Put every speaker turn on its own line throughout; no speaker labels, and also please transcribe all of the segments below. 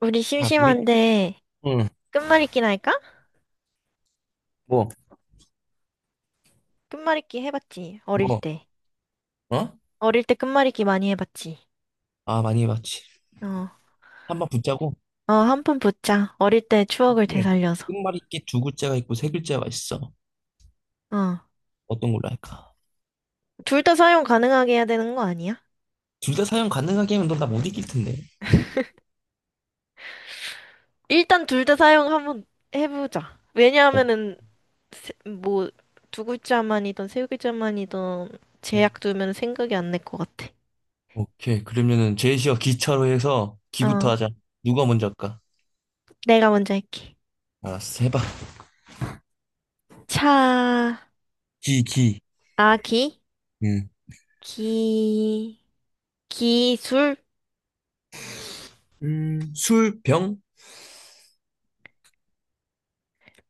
우리
자, 우리,
심심한데
응,
끝말잇기나 할까?
뭐,
끝말잇기 해봤지, 어릴
뭐,
때.
어?
어릴 때 끝말잇기 많이 해봤지.
아, 많이 해봤지.
어,
한 번 붙자고.
어, 한 푼 붙자. 어릴 때 추억을
이게
되살려서.
끝말이 있게 두 글자가 있고 세 글자가 있어.
어,
어떤 걸로 할까?
둘 다 사용 가능하게 해야 되는 거 아니야?
둘 다 사용 가능하게 하면 넌 나 못 이길 텐데.
일단 둘 다 사용 한번 해보자.
어,
왜냐하면은, 뭐, 두 글자만이든 세 글자만이든
음,
제약 두면 생각이 안 날 것 같아.
오케이. 그러면은 제시어 기차로 해서 기부터
어,
하자. 누가 먼저 할까?
내가 먼저 할게.
알았어, 해봐.
차,
기, 기.
아기,
응.
기, 기술,
술, 병,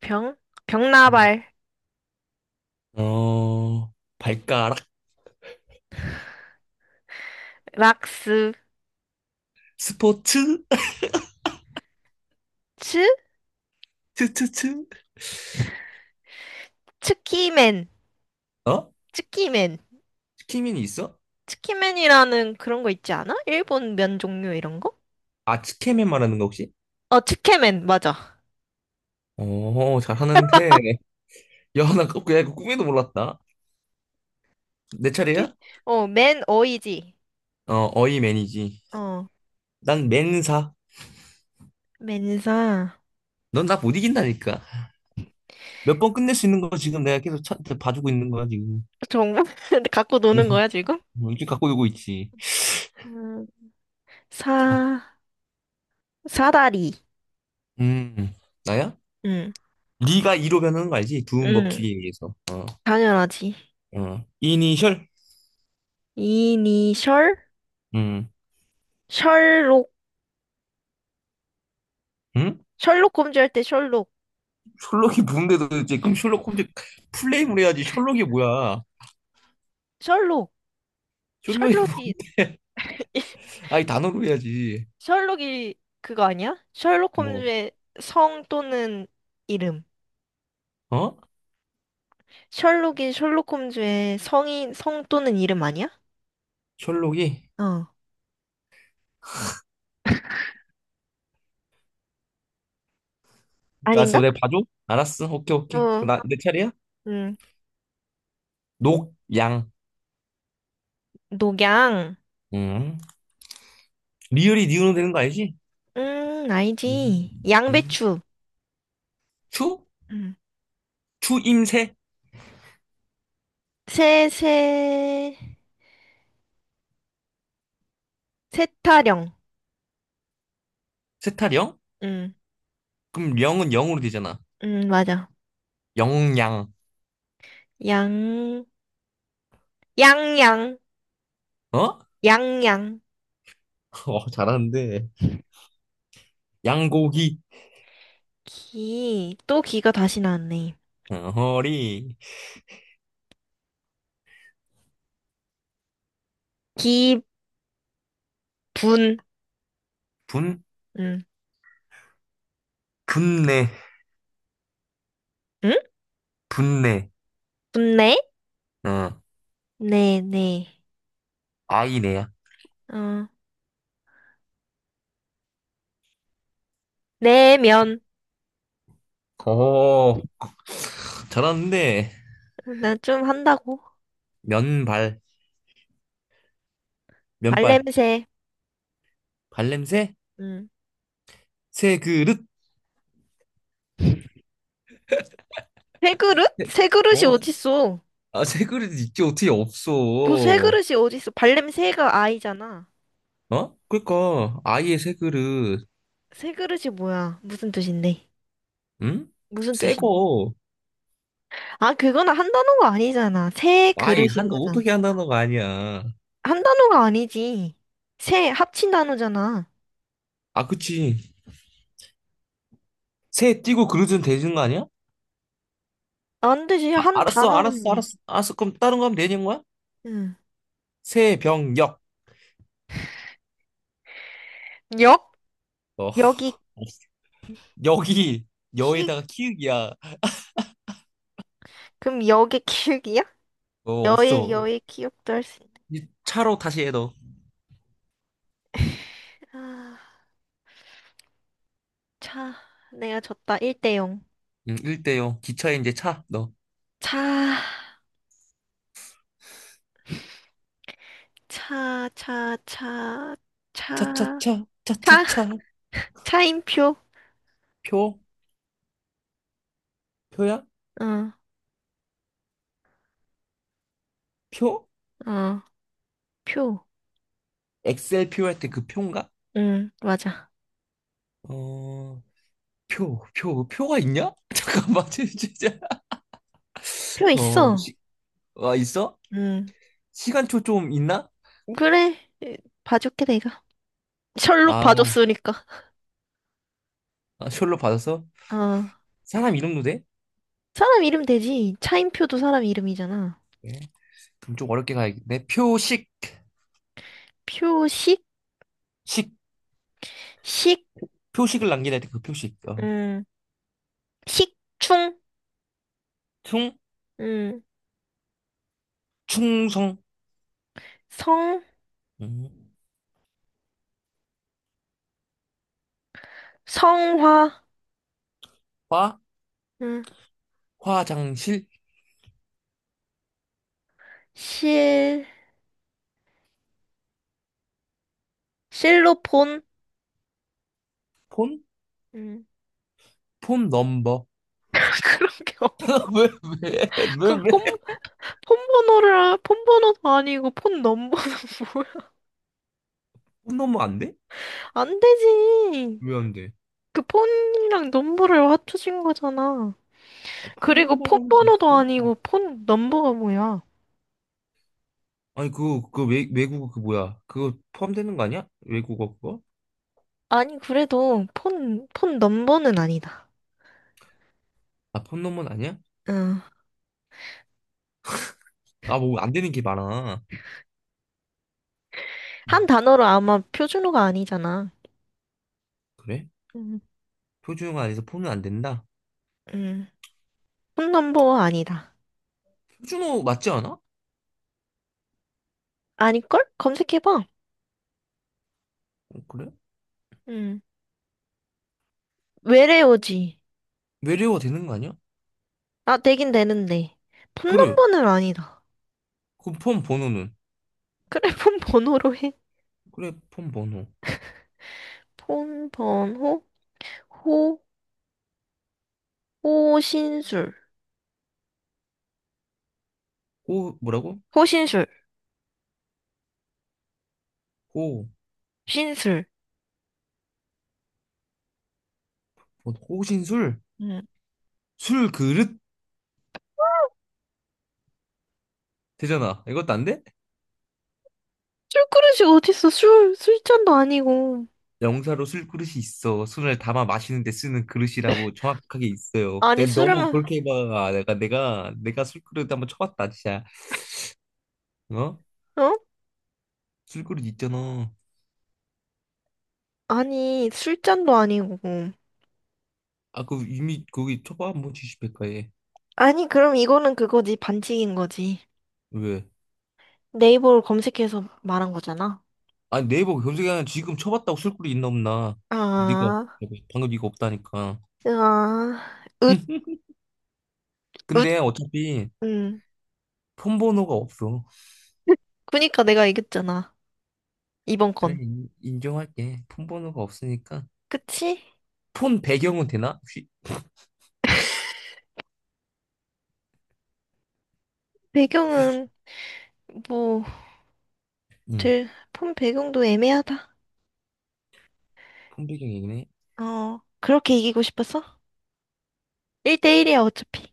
병? 병나발,
어, 발가락,
락스,
스포츠,
츠?
트트트.
츠키맨,
어?
츠키맨.
치킨맨이 있어?
츠키맨이라는 그런 거 있지 않아? 일본 면 종류 이런 거?
아, 치킨맨 말하는 거 혹시?
어, 츠케맨, 맞아.
오 잘하는데. 야, 나 그냥 그 꿈에도 몰랐다. 내 차례야?
어, 맨 어이지.
어, 어이 매니지.
어,
난 맨사.
맨사.
넌 나 못 이긴다니까. 몇 번 끝낼 수 있는 거 지금 내가 계속 차, 봐주고 있는 거야, 지금.
정말? 갖고 노는 거야, 지금?
이렇게 갖고 놀고 있지.
음,
자,
사, 사다리.
음, 나야?
응,
네가 2로 변하는 거 알지? 두음
응,
법칙에 의해서.
당연하지.
어, 이니셜?
이니셜?
음,
셜록.
응?
셜록 검주할 때 셜록.
셜록이 뭔데도 이제 그럼 셜록 홈즈 플레임을 해야지. 셜록이 뭐야?
셜록.
셜록이
셜록이
뭔데? 아니, 단어로 해야지.
셜록이 그거 아니야? 셜록
뭐,
홈즈의 성 또는 이름.
어?
셜록이 셜록 홈즈의 성인 성 또는 이름 아니야?
셜록이?
어. 아닌가?
알았어, 내가 봐줘. 알았어, 오케이, 오케이.
어.
나, 내 차례야?
음.
녹, 양.
녹양.
음. 리을이 니은 되는 거 알지? 임,
알지.
음.
양배추.
추?
음.
추임새?
새, 새, 새타령.
세타령?
음.
그럼 영은 영으로 되잖아.
맞아.
영양.
양, 양양,
어?
양양.
어, 잘하는데. 양고기.
기, 또 기가 다시 나왔네.
어, 허리.
기분. 음.
분?
응?
분내.
응?
분내.
분내?
어,
네, 네.
아이네야.
어, 내면.
오, 잘하는데.
나 좀 한다고.
면발. 면발.
발냄새.
발냄새?
응.
새그릇.
새 그릇? 새 그릇이
어,
어딨어?
아, 새 그릇 있지 어떻게 없어?
뭐새 그릇이 어딨어? 발냄새가 아이잖아.
어? 그러니까 아예 새 그릇,
새 그릇이 뭐야? 무슨 뜻인데?
응?
무슨
새
뜻인데?
거,
아, 그건 한 단어가 아니잖아. 새
아이
그릇인
한
거잖아.
어떻게 한다는 거 아니야?
한 단어가 아니지. 새 합친 단어잖아.
아, 그치. 새 띄고 그릇은 되는 거 아니야?
안 되지.
아,
한
알았어,
단어로
알았어,
해야지.
알았어, 알았어. 그럼 다른 거 하면 되는 거야?
응.
새, 병, 역.
역?
어,
여기
여기
키
여에다가 키읔이야.
그럼 역의 키읔이야?
어,
여의
없어.
여의 키읔도 할 수 있네.
이 차로 다시 해 너.
아. 차, 내가 졌다. 1대 0.
응, 1대요. 기차에 이제 차 너.
차, 차, 차, 차, 차,
차차차
차,
차차차
차인표.
표 표야?
응,
표?
어, 어, 표.
엑셀 표할 때 그 표인가?
응, 맞아.
어, 표, 표, 표가 있냐? 잠깐만, 진짜.
표
어,
있어.
시, 아, 있어?
응,
시간초 좀 있나?
그래. 봐줄게, 내가. 셜록
아,
봐줬으니까.
아, 셜로 받아서?
어,
사람 이름도 돼?
사람 이름 되지. 차인표도 사람 이름이잖아.
예. 그럼 좀 어렵게 가야겠네. 표식,
표식,
식,
식,
표식을 남기다 할때그 표식. 어.
음, 식충,
충,
음,
충성,
성,
음.
성화,
화,
음,
화장실,
실, 실로폰.
폰,
음.
폰 넘버.
그런 게 없.
왜, 왜, 왜,
그럼 폰,
왜?
폰 번호를, 폰 번호도 아니고 폰 넘버는 뭘?
폰 넘버 안 돼?
안 되지.
왜 안 돼?
그 폰이랑 넘버를 맞춰준 거잖아.
아, 폰
그리고 폰
넘버라는 게
번호도
있어?
아니고 폰 넘버가 뭐야?
아니, 외국어 그 뭐야? 그거 포함되는 거 아니야? 외국어 그거?
아니, 그래도 폰, 폰 넘버는 아니다.
아, 폰놈은 아니야?
응.
아, 뭐 안 되는 게 많아.
한
어,
단어로 아마 표준어가 아니잖아.
그래?
응.
표준어가 아니서 폰은 안 된다.
응. 폰 넘버가 아니다.
표준어 맞지 않아? 어,
아닐걸? 검색해봐.
그래?
응. 외래어지.
외래어가 되는 거 아니야?
아, 되긴 되는데. 폰
그래.
넘버는 아니다.
그 폰 번호는?
그래, 폰 번호로 해.
그래, 폰 번호.
폰 번호, 호, 호신술.
호, 뭐라고?
호신술,
호,
신술.
뭐, 호신술?
응.
술 그릇? 되잖아. 이것도 안 돼?
술그릇이 어딨어, 술. 술잔도 아니고.
명사로 술 그릇이 있어. 술을 담아 마시는 데 쓰는 그릇이라고 정확하게 있어요.
아니,
근데
술을,
너무
마-
그렇게 막 내가 술 그릇 한번 쳐봤다 진짜. 어?
어?
술 그릇 있잖아.
아니, 술잔도 아니고.
아, 그 이미 거기 쳐봐 한번 지시백과에
아니, 그럼 이거는 그거지, 반칙인 거지.
왜?
네이버를 검색해서 말한 거잖아.
아니 네이버 검색하면 지금 쳐봤다고 쓸 글이 있나 없나? 네가
아,
방금 이거 없다니까.
아, 읒, 읒,
근데 어차피
응.
폰 번호가 없어.
그니까 내가 이겼잖아. 이번
그래
건.
인정할게. 폰 번호가 없으니까
그치?
폰 배경은 되나? 혹시?
배경은, 뭐,
응.
들, 폰 배경도 애매하다.
폰 배경이네.
어, 그렇게 이기고 싶었어? 1대1이야, 어차피.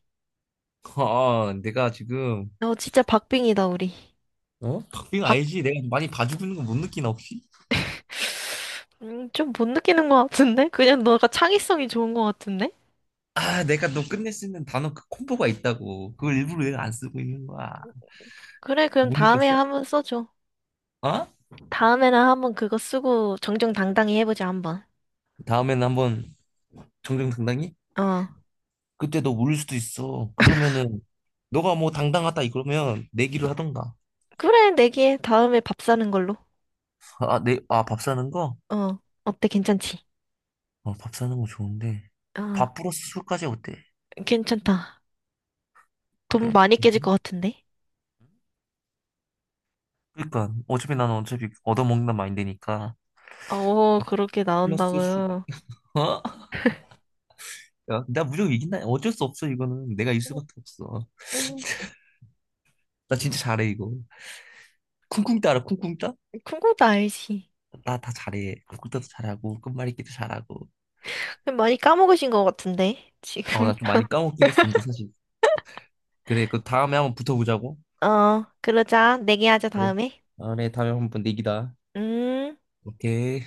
아, 내가 지금
어, 진짜 박빙이다, 우리.
어? 박빙
박,
알지? 내가 많이 봐주고 있는 거 못 느끼나 혹시?
좀 못 느끼는 것 같은데? 그냥 너가 창의성이 좋은 것 같은데?
아, 내가 너 끝내 쓰는 단어 그 콤보가 있다고. 그걸 일부러 내가 안 쓰고 있는 거야.
그래, 그럼
못
다음에
느꼈어?
한번 써줘.
어?
다음에는 한번 그거 쓰고 정정당당히 해보자, 한번.
다음에는 한번 정정 당당히?
어,
그때 너 울릴 수도 있어. 그러면은 너가 뭐 당당하다 이러면 내기를 하던가.
그래, 내기해. 다음에 밥 사는 걸로.
아, 내, 아, 밥 사는 거?
어, 어때, 괜찮지?
어, 밥 사는 거 좋은데.
어,
밥 플러스 술까지 어때?
괜찮다. 돈
그래?
많이 깨질
괜찮아?
것 같은데?
그러니까 어차피 나는 어차피 얻어먹는다 마인드니까.
어, 그렇게
플러스 술.
나온다고요.
어? 야, 나 무조건 이긴다. 어쩔 수 없어 이거는. 내가 일 수밖에 없어.
응.
나 진짜 잘해 이거. 쿵쿵따 라 쿵쿵따?
그도 알지.
나 다 잘해. 쿵쿵따도 잘하고 끝말잇기도 잘하고.
좀 많이 까먹으신 것 같은데,
어,
지금.
나 좀 많이 까먹긴 했었는데 사실. 그래, 그 다음에 한번 붙어보자고.
어, 그러자. 내기하자,
그래.
다음에.
다음에 다음에 한번 내기다.
음.
오케이.